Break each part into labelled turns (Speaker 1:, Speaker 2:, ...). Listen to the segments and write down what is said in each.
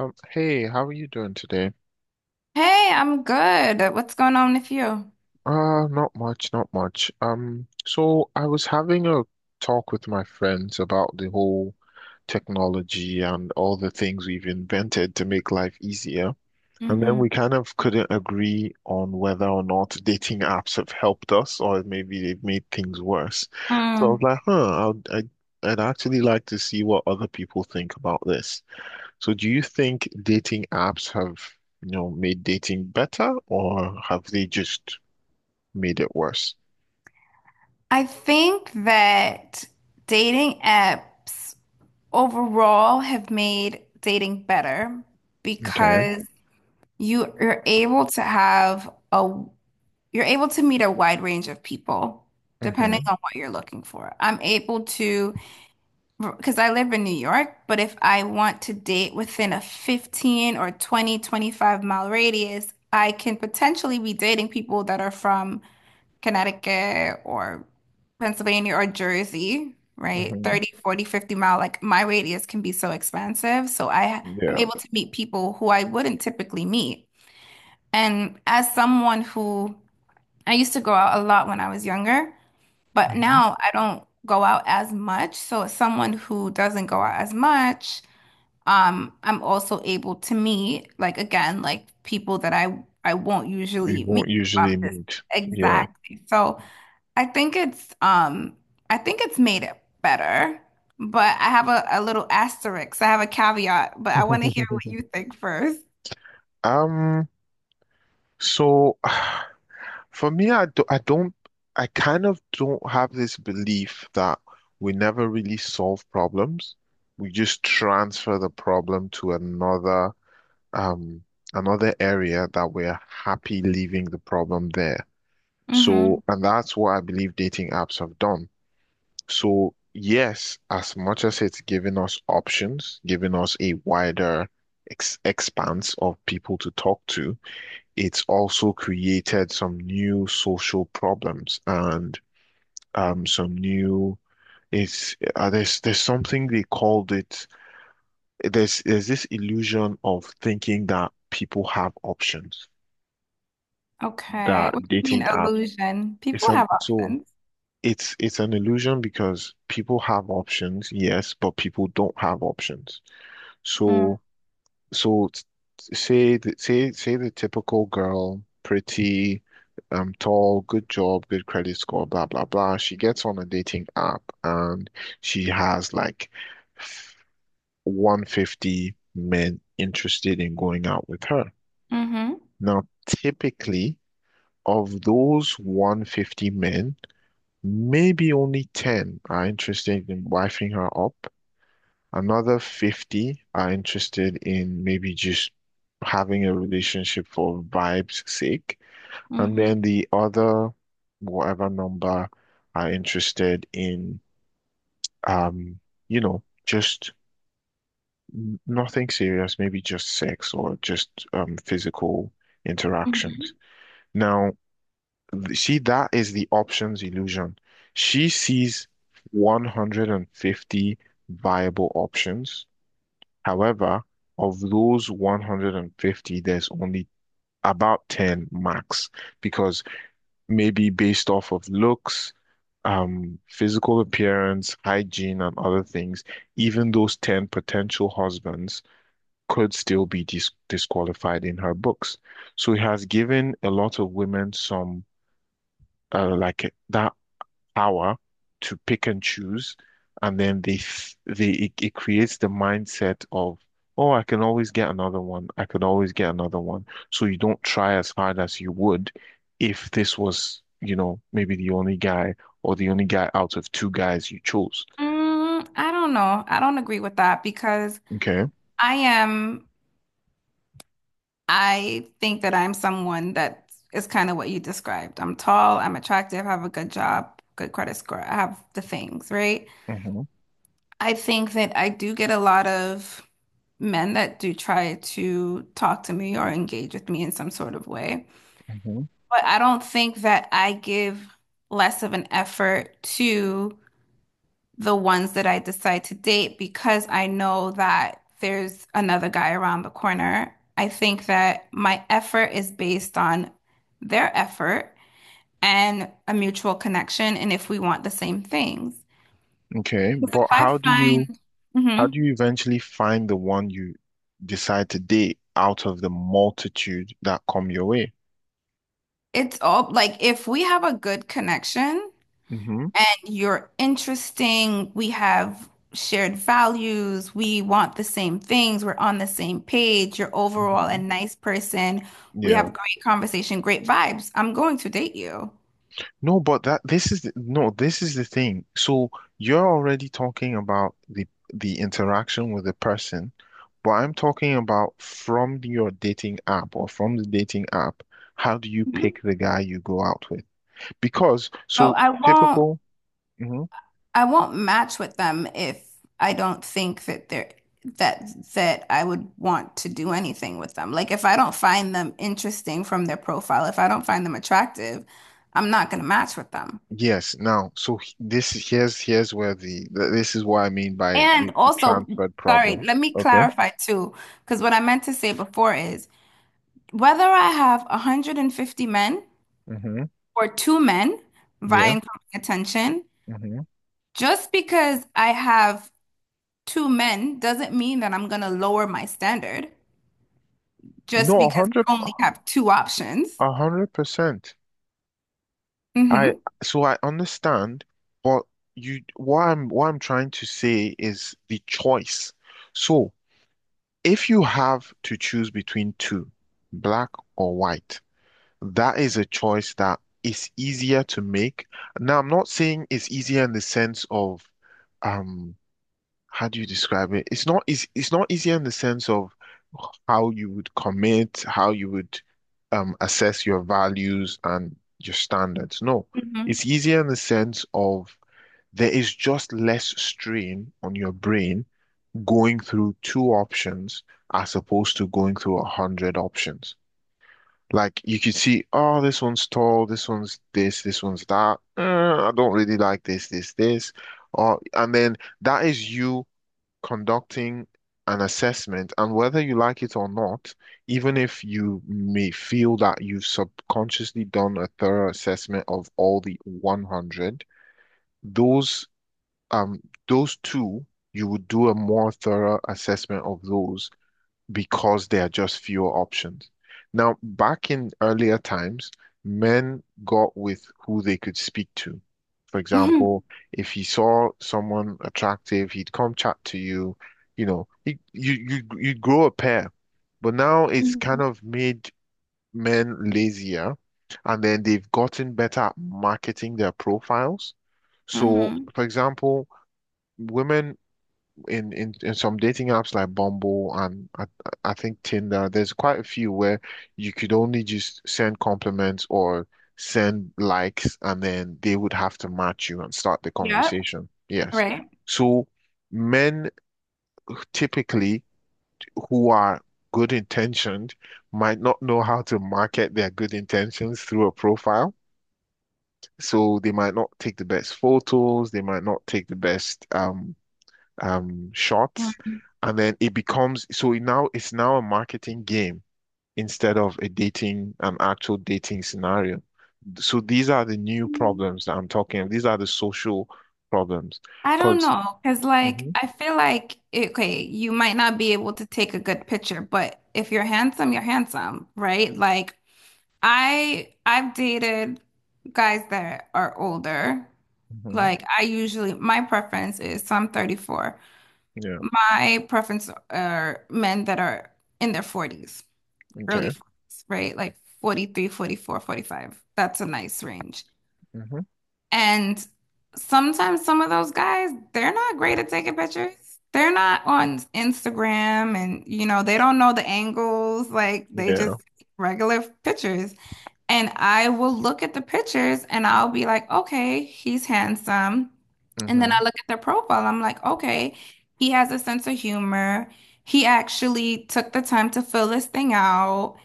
Speaker 1: Hey, how are you doing today?
Speaker 2: Hey, I'm good. What's going on with you?
Speaker 1: Not much, not much. So I was having a talk with my friends about the whole technology and all the things we've invented to make life easier. And then
Speaker 2: Hmm.
Speaker 1: we kind of couldn't agree on whether or not dating apps have helped us or maybe they've made things worse. So I was
Speaker 2: Mm.
Speaker 1: like, huh, I'd actually like to see what other people think about this. So do you think dating apps have, made dating better or have they just made it worse?
Speaker 2: I think that dating apps overall have made dating better
Speaker 1: Okay.
Speaker 2: because you you're able to have a you're able to meet a wide range of people depending
Speaker 1: Hmm.
Speaker 2: on what you're looking for. I'm able to because I live in New York, but if I want to date within a 15 or 20, 25-mile radius, I can potentially be dating people that are from Connecticut or Pennsylvania or Jersey, right?
Speaker 1: Hmm.
Speaker 2: 30 40, 50-mile, like my radius can be so expansive. So I'm
Speaker 1: Yeah.
Speaker 2: able to meet people who I wouldn't typically meet. And as someone who I used to go out a lot when I was younger, but
Speaker 1: Hmm.
Speaker 2: now I don't go out as much. So as someone who doesn't go out as much, I'm also able to meet, like, again, like people that I won't
Speaker 1: We
Speaker 2: usually meet
Speaker 1: won't
Speaker 2: if I'm
Speaker 1: usually
Speaker 2: just
Speaker 1: meet. Yeah.
Speaker 2: Exactly. So I think it's um I think it's made it better, but I have a little asterisk. I have a caveat, but I want to hear what you think first.
Speaker 1: Um, so for me, I kind of don't have this belief that we never really solve problems. We just transfer the problem to um another area that we're happy leaving the problem there.
Speaker 2: Mm-hmm.
Speaker 1: So, and that's what I believe dating apps have done. So, yes, as much as it's given us options, giving us a wider ex expanse of people to talk to, it's also created some new social problems and some new It's there's something they called it. There's this illusion of thinking that people have options. That
Speaker 2: Okay. What do you mean
Speaker 1: dating app
Speaker 2: illusion?
Speaker 1: it's
Speaker 2: People
Speaker 1: an
Speaker 2: have
Speaker 1: so
Speaker 2: options.
Speaker 1: It's an illusion because people have options, yes, but people don't have options.
Speaker 2: Mm-hmm.
Speaker 1: So so t- say the, say say the typical girl, pretty, tall, good job, good credit score, blah blah blah. She gets on a dating app and she has like 150 men interested in going out with her.
Speaker 2: Mm-hmm.
Speaker 1: Now, typically, of those 150 men, maybe only 10 are interested in wifing her up. Another 50 are interested in maybe just having a relationship for vibes' sake. And then the other, whatever number, are interested in, um, just nothing serious, maybe just sex or just physical
Speaker 2: Mm-hmm.
Speaker 1: interactions. Now, see, that is the options illusion. She sees 150 viable options. However, of those 150, there's only about 10 max because maybe based off of looks, physical appearance, hygiene, and other things, even those 10 potential husbands could still be disqualified in her books. So it has given a lot of women some like that power to pick and choose, and then they f- they it, it creates the mindset of, oh, I can always get another one. I can always get another one. So you don't try as hard as you would if this was maybe the only guy or the only guy out of two guys you chose.
Speaker 2: Mm, I don't know. I don't agree with that because
Speaker 1: Okay.
Speaker 2: I am, I think that I'm someone that is kind of what you described. I'm tall, I'm attractive, have a good job, good credit score. I have the things, right?
Speaker 1: Hmm.
Speaker 2: I think that I do get a lot of men that do try to talk to me or engage with me in some sort of way.
Speaker 1: Hmm.
Speaker 2: But I don't think that I give less of an effort to the ones that I decide to date because I know that there's another guy around the corner. I think that my effort is based on their effort and a mutual connection, and if we want the same things.
Speaker 1: Okay.
Speaker 2: Because if
Speaker 1: But
Speaker 2: I find
Speaker 1: how
Speaker 2: Mhm.
Speaker 1: do you eventually find the one you decide to date out of the multitude that come your way?
Speaker 2: It's all like if we have a good connection,
Speaker 1: Hmm.
Speaker 2: and you're interesting. We have shared values. We want the same things. We're on the same page. You're overall a
Speaker 1: Hmm.
Speaker 2: nice person. We have
Speaker 1: Yeah.
Speaker 2: great conversation, great vibes. I'm going to date you.
Speaker 1: No, but that this is the, no, this is the thing. So you're already talking about the interaction with the person, but I'm talking about from your dating app or from the dating app, how do you
Speaker 2: Mhm.
Speaker 1: pick the guy you go out with? Because
Speaker 2: So
Speaker 1: so
Speaker 2: I won't
Speaker 1: typical. Mhm.
Speaker 2: I won't match with them if I don't think that they're that that I would want to do anything with them. Like if I don't find them interesting from their profile, if I don't find them attractive, I'm not going to match with them.
Speaker 1: Yes. Now, so h- this here's where the th- this is what I mean by
Speaker 2: And
Speaker 1: the
Speaker 2: also,
Speaker 1: transferred
Speaker 2: sorry,
Speaker 1: problem.
Speaker 2: let me
Speaker 1: Okay.
Speaker 2: clarify too, because what I meant to say before is whether I have 150 men
Speaker 1: Hmm.
Speaker 2: or two men
Speaker 1: Yeah.
Speaker 2: vying for my attention,
Speaker 1: Hmm.
Speaker 2: just because I have two men doesn't mean that I'm going to lower my standard just
Speaker 1: No, a
Speaker 2: because
Speaker 1: hundred,
Speaker 2: I only have two options.
Speaker 1: a hundred percent. I
Speaker 2: Hmm.
Speaker 1: So I understand, but you what I'm trying to say is the choice. So if you have to choose between two, black or white, that is a choice that is easier to make. Now, I'm not saying it's easier in the sense of um how do you describe it? It's not easy in the sense of how you would commit, how you would assess your values and your standards. No,
Speaker 2: Hmm.
Speaker 1: it's easier in the sense of there is just less strain on your brain going through two options as opposed to going through a hundred options. Like you could see, oh, this one's tall, this one's this, this one's that. I don't really like this, this, this. Or and then that is you conducting an assessment, and whether you like it or not, even if you may feel that you've subconsciously done a thorough assessment of all the 100, those um those two, you would do a more thorough assessment of those because there are just fewer options. Now, back in earlier times, men got with who they could speak to. For
Speaker 2: Hmm.
Speaker 1: example, if he saw someone attractive, he'd come chat to you. You know, he, you grow a pair. But now it's
Speaker 2: Hmm.
Speaker 1: kind of made men lazier, and then they've gotten better at marketing their profiles. So,
Speaker 2: Hmm.
Speaker 1: for example, women in some dating apps like Bumble and I think Tinder, there's quite a few where you could only just send compliments or send likes, and then they would have to match you and start the
Speaker 2: Yep.
Speaker 1: conversation. Yes.
Speaker 2: Right.
Speaker 1: So men typically who are good intentioned might not know how to market their good intentions through a profile. So they might not take the best photos, they might not take the best shots, and then it becomes so it now it's now a marketing game instead of an actual dating scenario. So these are the new
Speaker 2: Mhm.
Speaker 1: problems that I'm talking of. These are the social problems,
Speaker 2: I don't
Speaker 1: because.
Speaker 2: know, because like
Speaker 1: Hmm.
Speaker 2: I feel like okay, you might not be able to take a good picture, but if you're handsome, you're handsome, right? Like I've dated guys that are older.
Speaker 1: Hmm.
Speaker 2: Like I usually my preference is, so I'm 34.
Speaker 1: Yeah.
Speaker 2: My preference are men that are in their 40s, early
Speaker 1: Okay.
Speaker 2: 40s, right? Like 43, 44, 45. That's a nice range.
Speaker 1: Hmm.
Speaker 2: And sometimes some of those guys, they're not great at taking pictures. They're not on Instagram and they don't know the angles. Like they
Speaker 1: Yeah.
Speaker 2: just regular pictures. And I will look at the pictures and I'll be like, okay, he's handsome. And then
Speaker 1: Hmm.
Speaker 2: I look at their profile. I'm like, okay, he has a sense of humor. He actually took the time to fill this thing out.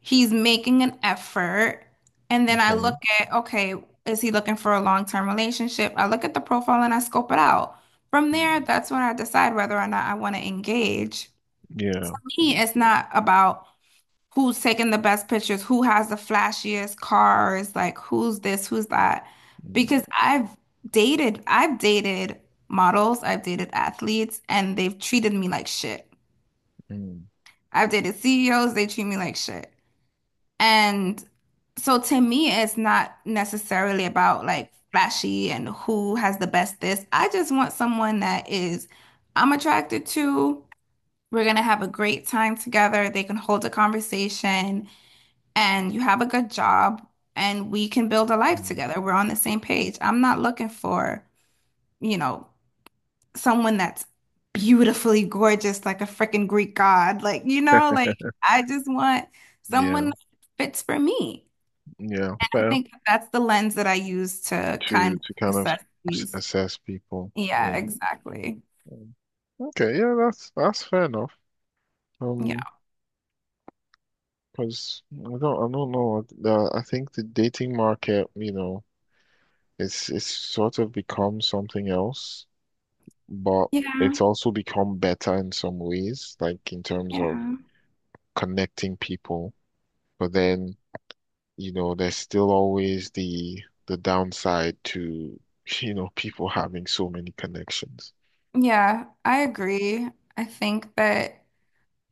Speaker 2: He's making an effort. And then I
Speaker 1: Okay.
Speaker 2: look at, okay, is he looking for a long-term relationship? I look at the profile and I scope it out. From there,
Speaker 1: Mm.
Speaker 2: that's when I decide whether or not I want to engage.
Speaker 1: Yeah.
Speaker 2: For me,
Speaker 1: Mm.
Speaker 2: it's not about who's taking the best pictures, who has the flashiest cars, like who's this, who's that.
Speaker 1: Mm.
Speaker 2: Because I've dated models, I've dated athletes, and they've treated me like shit.
Speaker 1: Mm.
Speaker 2: I've dated CEOs, they treat me like shit. And so to me, it's not necessarily about like flashy and who has the best this. I just want someone that is I'm attracted to. We're gonna have a great time together. They can hold a conversation and you have a good job and we can build a life
Speaker 1: Mm.
Speaker 2: together. We're on the same page. I'm not looking for, you know, someone that's beautifully gorgeous like a freaking Greek god. Like, like I just want
Speaker 1: Yeah.
Speaker 2: someone that fits for me.
Speaker 1: Yeah,
Speaker 2: I
Speaker 1: fair.
Speaker 2: think that's the lens that I use to
Speaker 1: to
Speaker 2: kind of
Speaker 1: to kind of
Speaker 2: assess these.
Speaker 1: assess people.
Speaker 2: Yeah,
Speaker 1: Yeah.
Speaker 2: exactly.
Speaker 1: Mm. Okay, yeah, that's fair enough. Um,
Speaker 2: Yeah.
Speaker 1: because I don't know. I think the dating market, it's sort of become something else, but
Speaker 2: Yeah.
Speaker 1: it's also become better in some ways, like in terms of
Speaker 2: Yeah.
Speaker 1: connecting people. But then, there's still always the downside to, people having so many connections.
Speaker 2: Yeah, I agree. I think that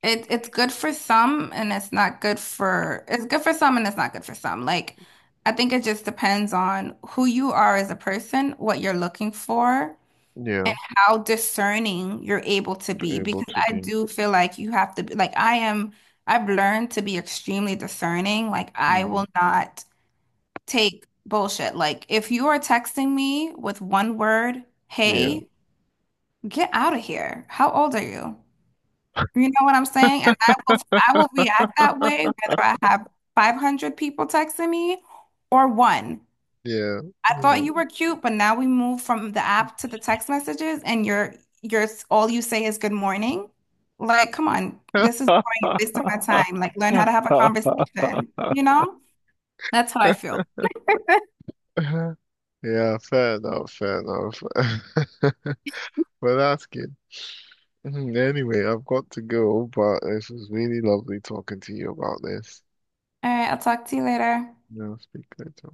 Speaker 2: it's good for some and it's good for some and it's not good for some. Like I think it just depends on who you are as a person, what you're looking for,
Speaker 1: Yeah,
Speaker 2: how discerning you're able to be.
Speaker 1: able
Speaker 2: Because
Speaker 1: to
Speaker 2: I
Speaker 1: be.
Speaker 2: do feel like you have to be like I am. I've learned to be extremely discerning. Like I
Speaker 1: Mm.
Speaker 2: will not take bullshit. Like if you are texting me with one word,
Speaker 1: Yeah.
Speaker 2: hey, get out of here. How old are you? You know what I'm saying? And I will react that way whether I have 500 people texting me or one.
Speaker 1: Yeah.
Speaker 2: I thought you
Speaker 1: Yeah.
Speaker 2: were cute, but now we move from the app to the text messages and you're all you say is good morning. Like, come on, this is boring. You're wasting my time. Like, learn how to have a conversation, you know? That's how I feel.
Speaker 1: Yeah, fair enough, fair enough. Well, that's good. Mhm. Anyway, I've got to go, but this was really lovely talking to you about this.
Speaker 2: All right, I'll talk to you later.
Speaker 1: Yeah, I'll speak later.